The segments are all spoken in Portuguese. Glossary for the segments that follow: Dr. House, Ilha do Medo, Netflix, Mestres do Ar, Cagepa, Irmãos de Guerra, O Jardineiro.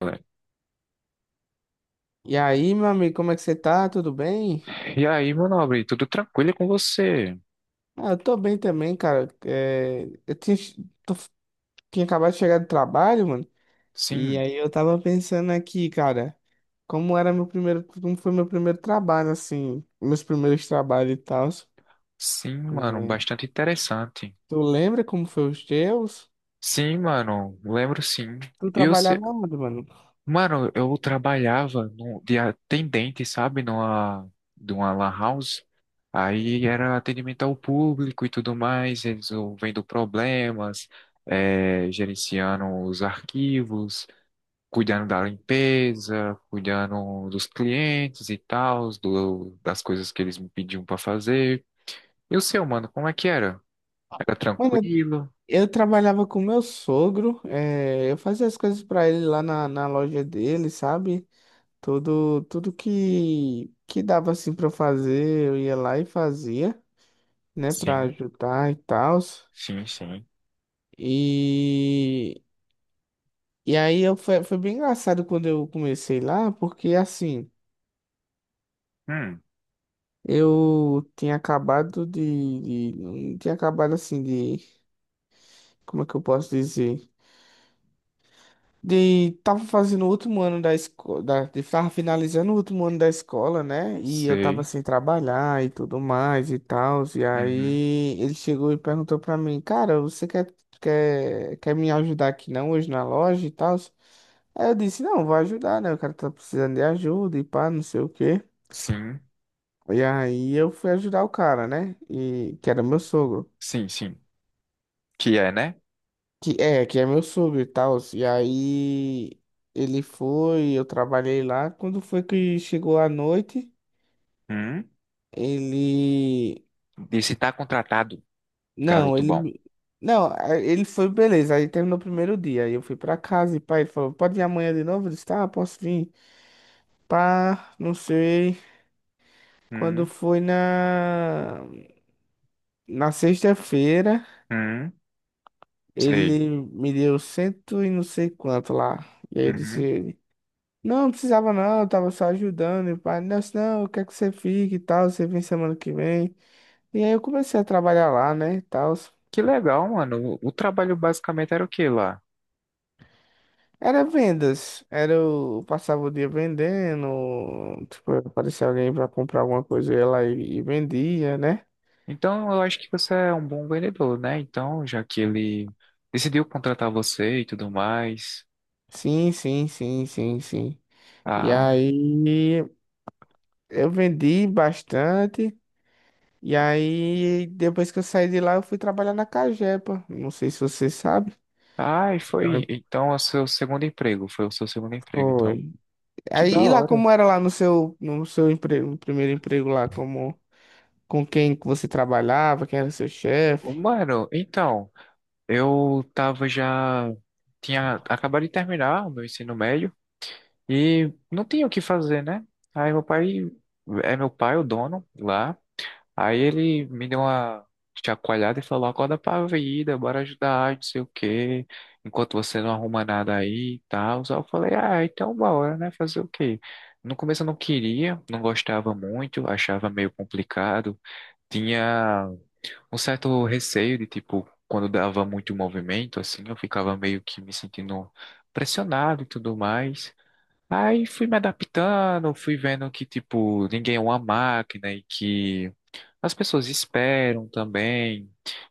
Galera. E aí, meu amigo, como é que você tá? Tudo bem? E aí, meu nobre, tudo tranquilo com você? Ah, eu tô bem também, cara. É, eu tinha, tô- tinha acabado de chegar do trabalho, mano. E Sim, aí eu tava pensando aqui, cara, como foi meu primeiro trabalho, assim, meus primeiros trabalhos e tal. sim, mano, É. bastante interessante. Tu lembra como foi os teus? Sim, mano, lembro sim. Tu Eu, se- trabalhava onde, mano? Mano, eu trabalhava no, de atendente, sabe, numa, de uma lan house. Aí era atendimento ao público e tudo mais, resolvendo problemas, gerenciando os arquivos. Cuidando da limpeza, cuidando dos clientes e tal, das coisas que eles me pediam para fazer. E o seu, mano, como é que era? Era Mano, eu, tranquilo? eu trabalhava com meu sogro, é, eu fazia as coisas pra ele lá na loja dele, sabe? Tudo que dava assim pra eu fazer, eu ia lá e fazia, né, pra Sim, ajudar e tal. sim, sim. E, e aí foi bem engraçado quando eu comecei lá, porque assim, Hum, eu tinha acabado tinha acabado assim de, como é que eu posso dizer? De, tava fazendo o último ano da escola, tava finalizando o último ano da escola, né? E eu tava sei. sem trabalhar e tudo mais e tal. E Uhum. aí ele chegou e perguntou pra mim, cara, você quer me ajudar aqui não hoje na loja e tal? Aí eu disse, não, vou ajudar, né? O cara tá precisando de ajuda e pá, não sei o quê. Sim, E aí eu fui ajudar o cara, né? E que era meu sogro. sim, sim. Que é, né? Que é meu sogro e tal. E aí ele foi, eu trabalhei lá. Quando foi que chegou a noite, Hum. ele. E se tá contratado, Não, garoto ele. bom. Me- Não, a- ele foi, beleza. Aí terminou o primeiro dia. Aí eu fui pra casa e pai, ele falou: pode ir amanhã de novo? Eu disse: tá, posso vir. Pá, não sei. Quando Hum, foi na. Na sexta-feira, hum, sei. ele me deu cento e não sei quanto lá. E aí eu Uhum. disse. Não, não precisava não, eu tava só ajudando. E o pai, não, não, eu quero que você fique e tal, você vem semana que vem. E aí eu comecei a trabalhar lá, né, e tal. Que legal, mano. O trabalho basicamente era o que lá? Era vendas, era eu passava o dia vendendo, tipo, aparecia alguém pra comprar alguma coisa, eu ia lá e vendia, né? Então, eu acho que você é um bom vendedor, né? Então, já que ele decidiu contratar você e tudo mais. Sim, sim, sim, sim, sim. E Ah, aí eu vendi bastante. E aí, depois que eu saí de lá, eu fui trabalhar na Cagepa. Não sei se você sabe. ah, e foi. Aí Então, é o seu segundo emprego. Foi o seu segundo emprego, então. foi. Que da Aí, e lá hora. como era lá no seu emprego, no primeiro emprego lá, com quem que você trabalhava, quem era seu Ô, chefe? mano, então, eu tava já. Tinha acabado de terminar o meu ensino médio e não tinha o que fazer, né? Aí, meu pai. É meu pai o dono lá. Aí ele me deu uma chacoalhada e falou: acorda pra vida, bora ajudar, não sei o quê, enquanto você não arruma nada aí e tal. Só eu falei: ah, então bora, né? Fazer o quê? No começo eu não queria, não gostava muito, achava meio complicado, tinha um certo receio de tipo, quando dava muito movimento, assim, eu ficava meio que me sentindo pressionado e tudo mais. Aí fui me adaptando, fui vendo que, tipo, ninguém é uma máquina e que. As pessoas esperam também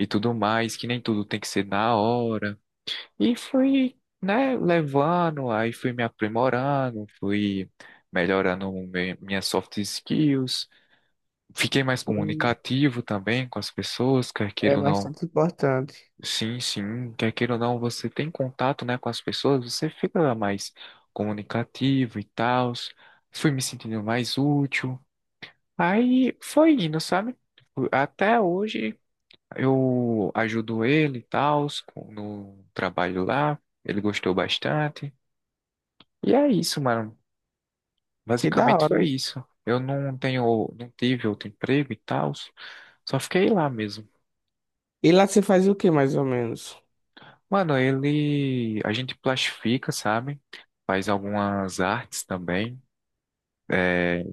e tudo mais, que nem tudo tem que ser na hora. E fui, né, levando, aí fui me aprimorando, fui melhorando minhas soft skills. Fiquei mais Hum. comunicativo também com as pessoas, quer queira É ou não. bastante importante. Sim, sim, quer queira ou não, você tem contato, né, com as pessoas, você fica mais comunicativo e tal. Fui me sentindo mais útil. Aí foi indo, sabe? Até hoje eu ajudo ele e tal, no trabalho lá. Ele gostou bastante. E é isso, mano. Que da Basicamente hora. foi isso. Eu não tenho, não tive outro emprego e tal, só fiquei lá mesmo. E lá você faz o que mais ou menos? Mano, ele, a gente plastifica, sabe? Faz algumas artes também.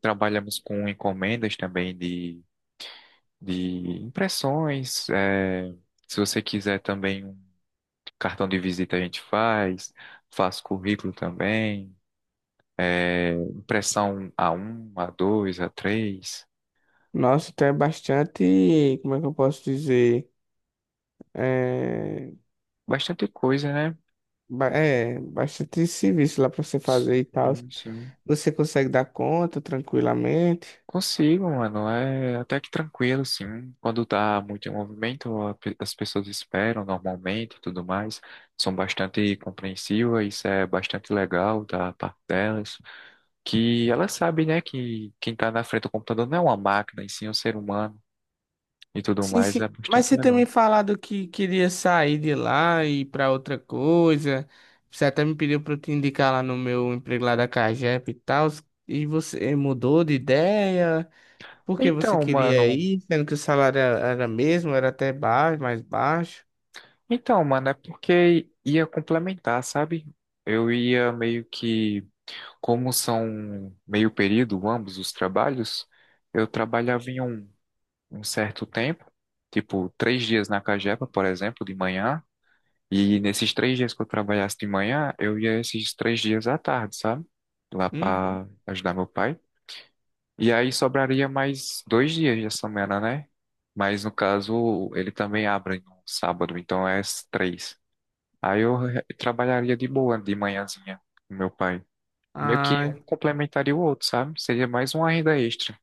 Trabalhamos com encomendas também de impressões. Se você quiser também um cartão de visita, a gente faz. Faz currículo também. Impressão a um a dois a três. Nossa, então é bastante, como é que eu posso dizer? É, Bastante coisa, né? É bastante serviço lá para você fazer e tal. Sim, sim. Você consegue dar conta tranquilamente? Consigo, mano. É até que tranquilo, sim. Quando tá muito em movimento, as pessoas esperam normalmente e tudo mais. São bastante compreensivas, isso é bastante legal da parte delas. Que elas sabem, né, que quem tá na frente do computador não é uma máquina, e sim um ser humano e tudo Sim, mais. sim. É Mas bastante você também legal. falado que queria sair de lá e ir pra outra coisa. Você até me pediu pra eu te indicar lá no meu emprego lá da Cagep e tal. E você mudou de ideia? Porque você Então, queria mano. ir, sendo que o salário era mesmo, era até baixo, mais baixo. Então, mano, é porque ia complementar, sabe? Eu ia meio que, como são meio período ambos os trabalhos, eu trabalhava em um, um certo tempo, tipo três dias na Cagepa, por exemplo, de manhã, e nesses três dias que eu trabalhasse de manhã, eu ia esses três dias à tarde, sabe? Lá Uhum. para ajudar meu pai. E aí sobraria mais dois dias de semana, né? Mas no caso, ele também abre no sábado, então é as três. Aí eu trabalharia de boa de manhãzinha com meu pai. Meio que Ai, um complementaria o outro, sabe? Seria mais uma renda extra.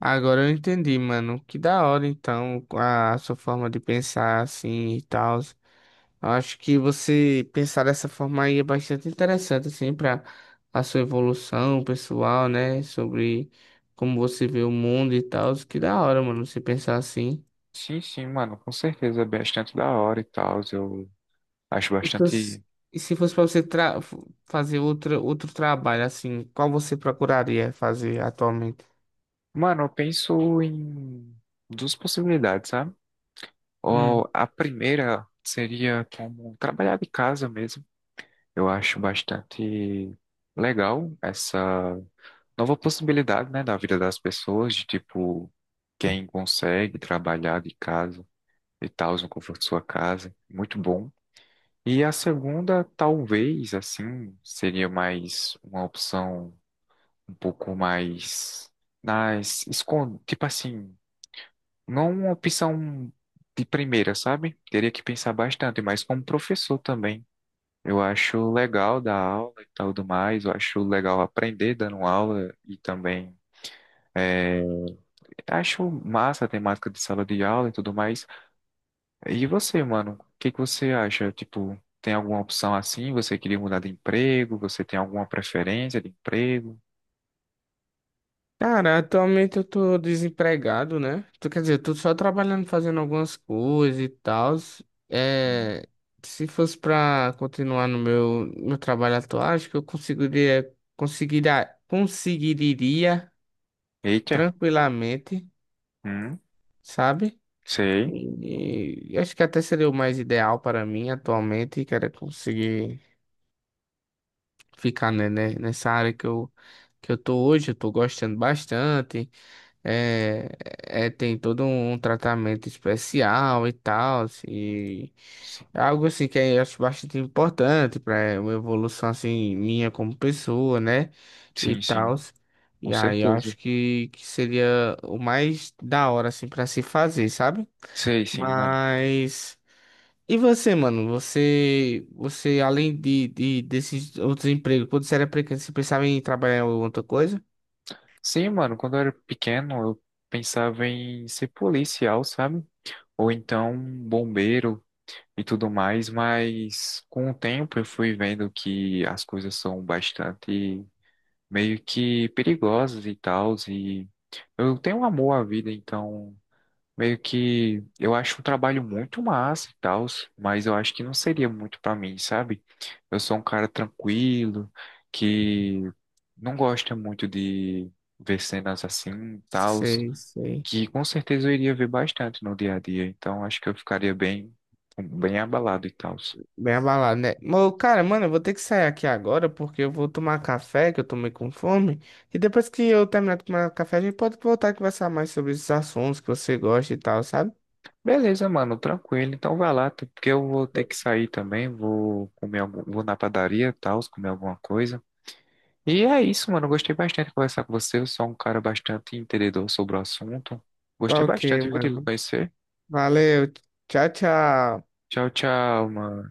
agora eu entendi, mano. Que da hora, então, a sua forma de pensar assim e tal. Acho que você pensar dessa forma aí é bastante interessante, assim, para a sua evolução pessoal, né? Sobre como você vê o mundo e tal. Que da hora, mano, você pensar assim. Sim, sim, mano, com certeza. É bastante da hora e tal. Eu acho E se fosse, bastante. e se fosse pra você fazer outro trabalho, assim, qual você procuraria fazer atualmente? Mano, eu penso em duas possibilidades, sabe? Hum. Ou a primeira seria como trabalhar de casa mesmo. Eu acho bastante legal essa nova possibilidade, né, da vida das pessoas, de tipo, quem consegue trabalhar de casa e tal, no conforto de sua casa. Muito bom. E a segunda, talvez, assim, seria mais uma opção um pouco mais nas escon tipo assim, não uma opção de primeira, sabe? Teria que pensar bastante, mas como professor também. Eu acho legal dar aula e tal do mais, eu acho legal aprender dando aula e também é, acho massa a temática de sala de aula e tudo mais. E você, mano? O que que você acha? Tipo, tem alguma opção assim? Você queria mudar de emprego? Você tem alguma preferência de emprego? Cara, atualmente eu tô desempregado, né? Tu quer dizer, eu tô só trabalhando, fazendo algumas coisas e tal. Hum. É, se fosse pra continuar no meu trabalho atual, acho que eu conseguiria Eita, tranquilamente, hum, sabe? sei. E acho que até seria o mais ideal para mim atualmente, que era conseguir ficar, né, nessa área que eu tô hoje, eu tô gostando bastante. É, tem todo um tratamento especial e tal, assim, e Si- é algo assim que eu acho bastante importante para uma evolução assim minha como pessoa, né? E Sim, tal. sim, com E aí eu certeza. acho que seria o mais da hora assim para se fazer, sabe? Sei, sim, mano. Mas e você, mano? Você além de desses outros empregos, quando você era pequeno, você pensava em trabalhar em outra coisa? Sim, mano, quando eu era pequeno, eu pensava em ser policial, sabe? Ou então bombeiro e tudo mais, mas com o tempo eu fui vendo que as coisas são bastante meio que perigosas e tal. Eu tenho um amor à vida, então meio que eu acho um trabalho muito massa e tal, mas eu acho que não seria muito pra mim, sabe? Eu sou um cara tranquilo, que não gosta muito de ver cenas assim, e tal, Sei, sei. que com certeza eu iria ver bastante no dia a dia, então acho que eu ficaria bem, bem abalado e tal. Bem abalado, né? Mas, cara, mano, eu vou ter que sair aqui agora porque eu vou tomar café, que eu tomei com fome. E depois que eu terminar de tomar café, a gente pode voltar a conversar mais sobre esses assuntos que você gosta e tal, sabe? Beleza, mano, tranquilo. Então vai lá, tá? Porque eu vou ter que sair também, vou comer algum, vou na padaria, e tal, comer alguma coisa. E é isso, mano. Eu gostei bastante de conversar com você. Eu sou um cara bastante entendedor sobre o assunto. Tá Gostei ok, bastante, viu, de lhe mano. conhecer. Valeu. Tchau, tchau. Tchau, tchau, mano.